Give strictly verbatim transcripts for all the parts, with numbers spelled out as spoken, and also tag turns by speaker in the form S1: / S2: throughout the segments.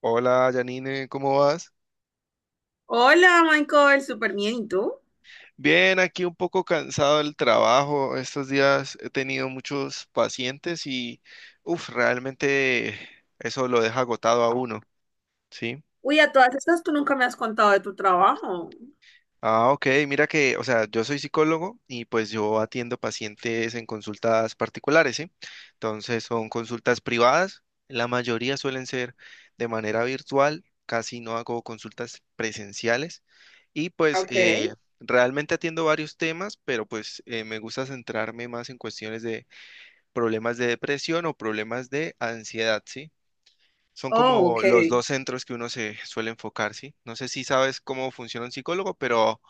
S1: Hola, Janine, ¿cómo vas?
S2: Hola, Michael, súper bien. ¿Y tú?
S1: Bien, aquí un poco cansado del trabajo. Estos días he tenido muchos pacientes y, uff, realmente eso lo deja agotado a uno, ¿sí?
S2: Uy, a todas estas tú nunca me has contado de tu trabajo.
S1: Ah, ok, mira que, o sea, yo soy psicólogo y pues yo atiendo pacientes en consultas particulares, ¿sí? Entonces son consultas privadas, la mayoría suelen ser de manera virtual, casi no hago consultas presenciales y pues eh,
S2: Okay.
S1: realmente atiendo varios temas, pero pues eh, me gusta centrarme más en cuestiones de problemas de depresión o problemas de ansiedad, ¿sí? Son
S2: Oh,
S1: como
S2: ok.
S1: los dos centros que uno se suele enfocar, ¿sí? No sé si sabes cómo funciona un psicólogo, pero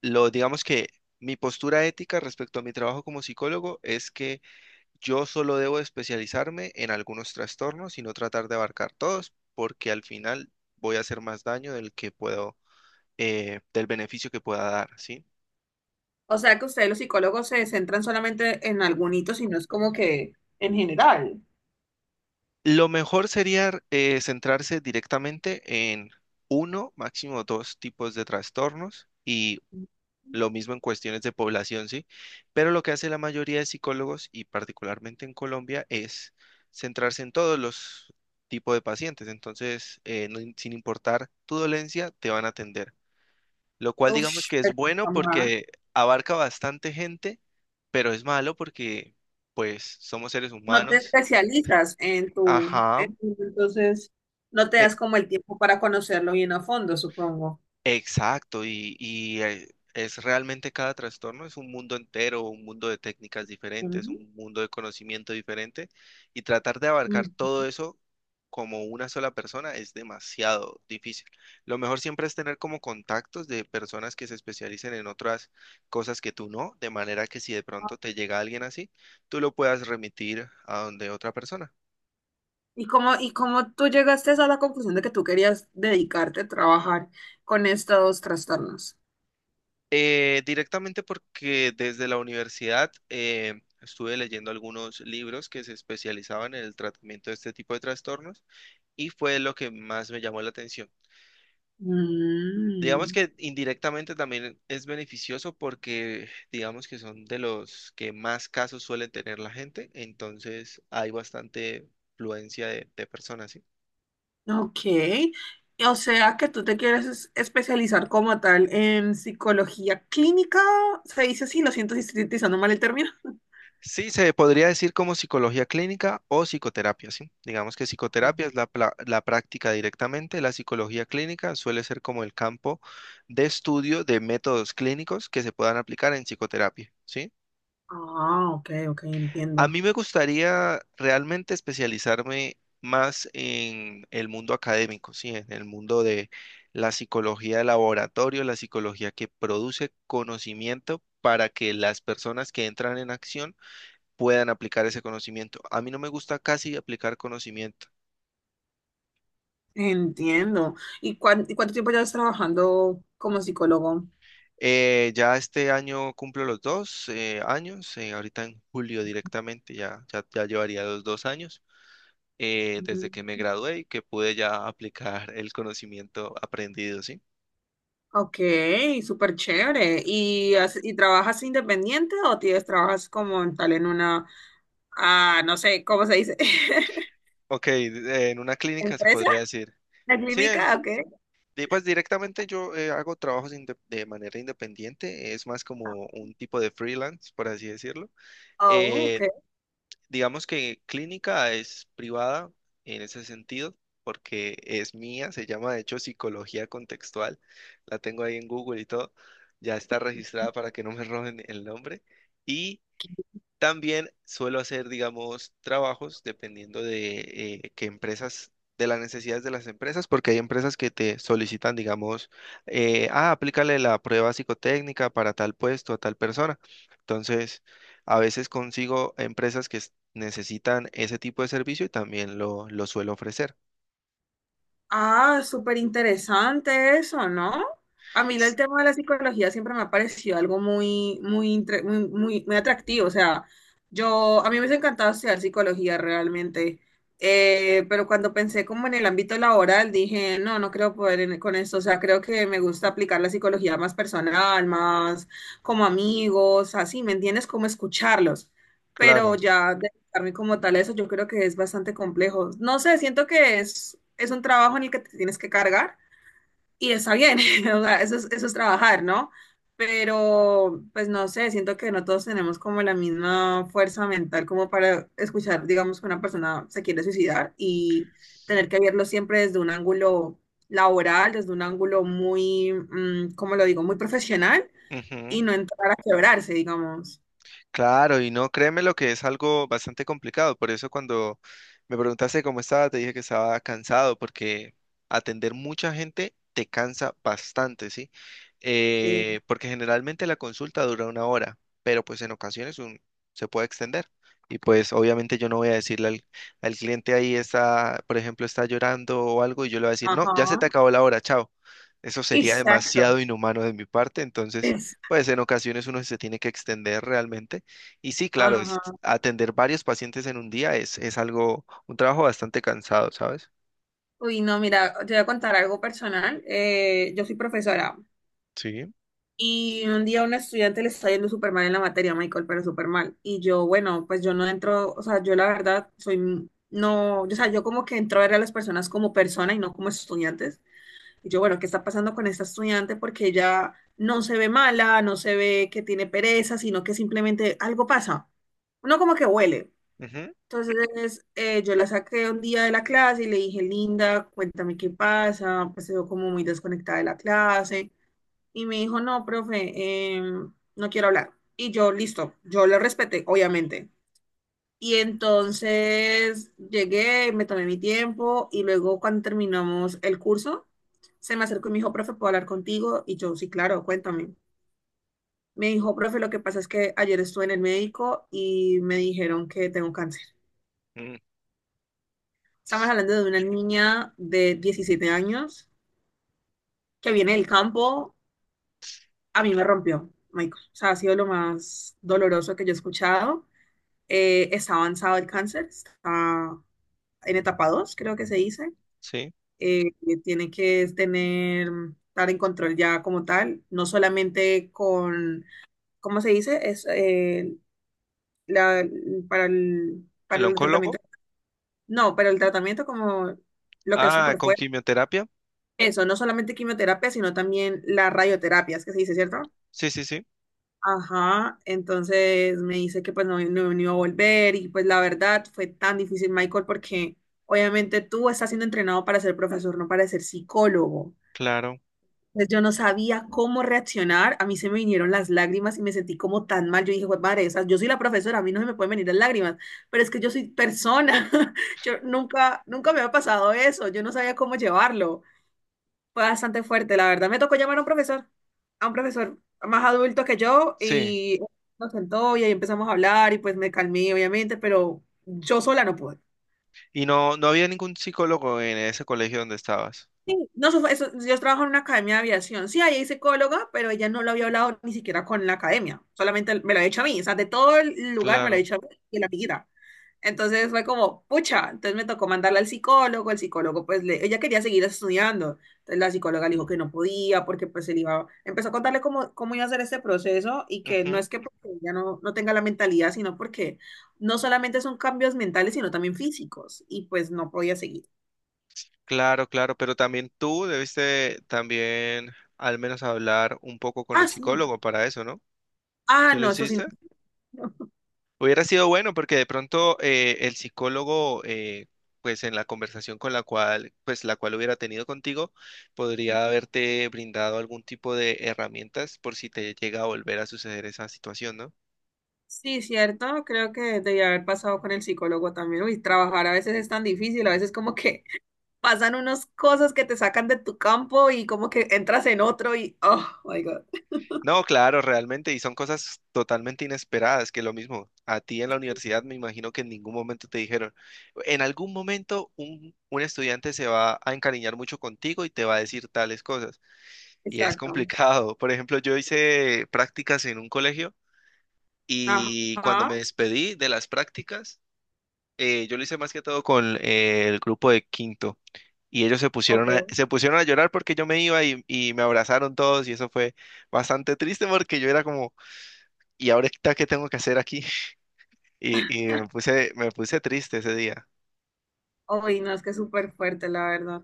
S1: lo digamos que mi postura ética respecto a mi trabajo como psicólogo es que yo solo debo especializarme en algunos trastornos y no tratar de abarcar todos, porque al final voy a hacer más daño del que puedo, eh, del beneficio que pueda dar, ¿sí?
S2: O sea que ustedes los psicólogos se centran solamente en algún hito, sino es como que en general.
S1: Lo mejor sería eh, centrarse directamente en uno, máximo dos tipos de trastornos y lo mismo en cuestiones de población, ¿sí? Pero lo que hace la mayoría de psicólogos, y particularmente en Colombia, es centrarse en todos los tipos de pacientes. Entonces, eh, no im- sin importar tu dolencia, te van a atender. Lo cual digamos
S2: Ush,
S1: que es bueno
S2: mamá.
S1: porque abarca bastante gente, pero es malo porque, pues, somos seres
S2: No te
S1: humanos.
S2: especializas en tu,
S1: Ajá.
S2: en tu- entonces no te
S1: E-
S2: das como el tiempo para conocerlo bien a fondo, supongo.
S1: Exacto, y, y, eh, es realmente cada trastorno es un mundo entero, un mundo de técnicas diferentes,
S2: Ujú.
S1: un mundo de conocimiento diferente, y tratar de abarcar
S2: Mm.
S1: todo eso como una sola persona es demasiado difícil. Lo mejor siempre es tener como contactos de personas que se especialicen en otras cosas que tú no, de manera que si de pronto te llega alguien así, tú lo puedas remitir a donde otra persona.
S2: ¿Y cómo, y cómo tú llegaste a la conclusión de que tú querías dedicarte a trabajar con estos trastornos?
S1: Eh, directamente porque desde la universidad eh, estuve leyendo algunos libros que se especializaban en el tratamiento de este tipo de trastornos y fue lo que más me llamó la atención. Digamos
S2: Mm,
S1: que indirectamente también es beneficioso porque digamos que son de los que más casos suelen tener la gente, entonces hay bastante fluencia de, de personas, ¿sí?
S2: ok. O sea que tú te quieres es- especializar como tal en psicología clínica. Se dice así, lo siento si estoy utilizando mal el término.
S1: Sí, se podría decir como psicología clínica o psicoterapia, ¿sí? Digamos que psicoterapia es la, pla- la práctica directamente, la psicología clínica suele ser como el campo de estudio de métodos clínicos que se puedan aplicar en psicoterapia, ¿sí?
S2: Ah, ok, ok,
S1: A
S2: entiendo.
S1: mí me gustaría realmente especializarme más en el mundo académico, ¿sí? En el mundo de la psicología de laboratorio, la psicología que produce conocimiento para que las personas que entran en acción puedan aplicar ese conocimiento. A mí no me gusta casi aplicar conocimiento.
S2: Entiendo. ¿Y, cuán- y cuánto tiempo llevas trabajando como psicólogo?
S1: Eh, ya este año cumplo los dos eh, años, eh, ahorita en julio directamente, ya, ya, ya llevaría los dos años eh, desde
S2: Mm,
S1: que me gradué y que pude ya aplicar el conocimiento aprendido, ¿sí?
S2: ok, súper chévere. ¿Y, has- y trabajas independiente o tienes, trabajas como en tal en una, ah, no sé, ¿cómo se dice?
S1: Ok, eh, en una clínica se
S2: ¿Empresa?
S1: podría decir.
S2: ¿La
S1: Sí, eh,
S2: clínica? Ok.
S1: di- pues directamente yo eh, hago trabajos inde- de manera independiente, es más como un tipo de freelance, por así decirlo.
S2: Oh,
S1: Eh,
S2: ok.
S1: Digamos que clínica es privada en ese sentido, porque es mía, se llama de hecho psicología contextual, la tengo ahí en Google y todo, ya está registrada para que no me roben el nombre. Y también suelo hacer, digamos, trabajos dependiendo de eh, qué empresas, de las necesidades de las empresas, porque hay empresas que te solicitan, digamos, eh, ah, aplícale la prueba psicotécnica para tal puesto, a tal persona. Entonces, a veces consigo empresas que s- necesitan ese tipo de servicio y también lo, lo suelo ofrecer.
S2: Ah, súper interesante eso, ¿no? A mí el
S1: S-
S2: tema de la psicología siempre me ha parecido algo muy, muy, intre- muy, muy, muy atractivo. O sea, yo, a mí me hubiese encantado estudiar psicología realmente. Eh, pero cuando pensé como en el ámbito laboral, dije, no, no creo poder en- con esto. O sea, creo que me gusta aplicar la psicología más personal, más como amigos, así, ¿me entiendes? Como escucharlos. Pero
S1: Claro.
S2: ya mí como tal a eso, yo creo que es bastante complejo. No sé, siento que es, es un trabajo en el que te tienes que cargar y está bien, o sea, eso es, eso es trabajar, ¿no? Pero, pues no sé, siento que no todos tenemos como la misma fuerza mental como para escuchar, digamos, que una persona se quiere suicidar y tener que verlo siempre desde un ángulo laboral, desde un ángulo muy, mm, ¿cómo lo digo?, muy profesional y
S1: Ujú.
S2: no entrar a quebrarse, digamos.
S1: Claro, y no, créeme lo que es algo bastante complicado. Por eso cuando me preguntaste cómo estaba, te dije que estaba cansado, porque atender mucha gente te cansa bastante, ¿sí?
S2: Sí.
S1: Eh, porque generalmente la consulta dura una hora, pero pues en ocasiones un- se puede extender. Y pues obviamente yo no voy a decirle al, al cliente ahí está, por ejemplo, está llorando o algo, y yo le voy a decir, no,
S2: Ajá.
S1: ya se te acabó la hora, chao. Eso sería
S2: Exacto.
S1: demasiado inhumano de mi parte, entonces, pues en ocasiones uno se tiene que extender realmente y sí, claro, es-
S2: Ajá.
S1: atender varios pacientes en un día es, es algo, un trabajo bastante cansado, ¿sabes?
S2: Uy, no, mira, te voy a contar algo personal. Eh, yo soy profesora
S1: Sí.
S2: y un día a un estudiante le está yendo súper mal en la materia, Michael, pero súper mal. Y yo, bueno, pues yo no entro, o sea, yo la verdad soy, no, o sea, yo como que entro a ver a las personas como persona y no como estudiantes. Y yo, bueno, ¿qué está pasando con esta estudiante? Porque ella no se ve mala, no se ve que tiene pereza, sino que simplemente algo pasa. Uno como que huele.
S1: Ujú,
S2: Entonces, eh, yo la saqué un día de la clase y le dije, Linda, cuéntame qué pasa, pues se veo como muy desconectada de la clase. Y me dijo, no, profe, em, no quiero hablar. Y yo, listo, yo le respeté, obviamente. Y entonces llegué, me tomé mi tiempo y luego cuando terminamos el curso, se me acercó y me dijo, profe, ¿puedo hablar contigo? Y yo, sí, claro, cuéntame. Me dijo, profe, lo que pasa es que ayer estuve en el médico y me dijeron que tengo cáncer.
S1: mm,
S2: Estamos hablando de una niña de diecisiete años que viene del campo. A mí me rompió, Michael. O sea, ha sido lo más doloroso que yo he escuchado. Eh, está avanzado el cáncer, está en etapa dos, creo que se dice.
S1: sí.
S2: Eh, Tiene que tener, estar en control ya como tal, no solamente con, ¿cómo se dice? Es eh, la- para el, para
S1: ¿El
S2: el tratamiento.
S1: oncólogo?
S2: No, pero el tratamiento como lo que es
S1: Ah,
S2: súper.
S1: con quimioterapia.
S2: Eso, no solamente quimioterapia, sino también la radioterapia es que se dice, ¿cierto?
S1: Sí, sí, sí.
S2: Ajá, entonces me dice que pues no, no, no iba a volver y pues la verdad fue tan difícil, Michael, porque obviamente tú estás siendo entrenado para ser profesor, no para ser psicólogo.
S1: Claro.
S2: Entonces yo no sabía cómo reaccionar, a mí se me vinieron las lágrimas y me sentí como tan mal. Yo dije, pues madre, o sea, yo soy la profesora, a mí no se me pueden venir las lágrimas, pero es que yo soy persona, yo nunca, nunca me había pasado eso, yo no sabía cómo llevarlo. Fue bastante fuerte, la verdad. Me tocó llamar a un profesor, a un profesor más adulto que yo
S1: Sí.
S2: y nos sentó y ahí empezamos a hablar y pues me calmé, obviamente, pero yo sola no pude.
S1: Y no, no había ningún psicólogo en ese colegio donde estabas.
S2: Sí, no, eso fue- eso- yo trabajo en una academia de aviación. Sí, ahí hay psicóloga, pero ella no lo había hablado ni siquiera con la academia. Solamente me lo había hecho a mí. O sea, de todo el lugar me lo había
S1: Claro.
S2: hecho a mí y la amiguita. Entonces fue como, pucha, entonces me tocó mandarla al psicólogo, el psicólogo pues le, ella quería seguir estudiando, entonces la psicóloga le dijo que no podía porque pues él iba, empezó a contarle cómo, cómo iba a hacer este proceso y que no
S1: Ujú.
S2: es que porque ella no, no tenga la mentalidad, sino porque no solamente son cambios mentales, sino también físicos y pues no podía seguir.
S1: Claro, claro. Pero también tú debiste también al menos hablar un poco con
S2: Ah,
S1: el
S2: sí.
S1: psicólogo para eso, ¿no?
S2: Ah,
S1: ¿Sí lo
S2: no, eso sí no.
S1: hiciste? Hubiera sido bueno porque de pronto eh, el psicólogo, eh, pues en la conversación con la cual, pues la cual hubiera tenido contigo, podría haberte brindado algún tipo de herramientas por si te llega a volver a suceder esa situación, ¿no?
S2: Sí, cierto, creo que debía haber pasado con el psicólogo también. Uy, trabajar a veces es tan difícil, a veces como que pasan unas cosas que te sacan de tu campo y como que entras en otro y, oh, my God.
S1: No, claro, realmente, y son cosas totalmente inesperadas, que lo mismo, a ti en la universidad me imagino que en ningún momento te dijeron, en algún momento un, un estudiante se va a encariñar mucho contigo y te va a decir tales cosas. Y es
S2: Exacto.
S1: complicado. Por ejemplo, yo hice prácticas en un colegio. Y cuando
S2: Ajá,
S1: me despedí de las prácticas, eh, yo lo hice más que todo con eh, el grupo de quinto. Y ellos se pusieron a,
S2: ok.
S1: se pusieron a llorar porque yo me iba y, y me abrazaron todos y eso fue bastante triste porque yo era como, ¿y ahorita qué tengo que hacer aquí? Y, y me puse, me puse triste ese día.
S2: Ay, no, es que es súper fuerte, la verdad.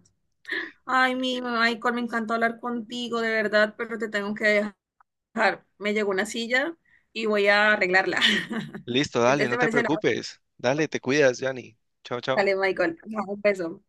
S2: Ay, mi Michael, me encantó hablar contigo, de verdad, pero te tengo que dejar. Me llegó una silla y voy a arreglarla.
S1: Listo, dale,
S2: Entonces,
S1: no
S2: ¿te
S1: te
S2: parece? Lo
S1: preocupes. Dale, te cuidas, Yanni. Chao, chao.
S2: dale, Michael. Ajá, un beso.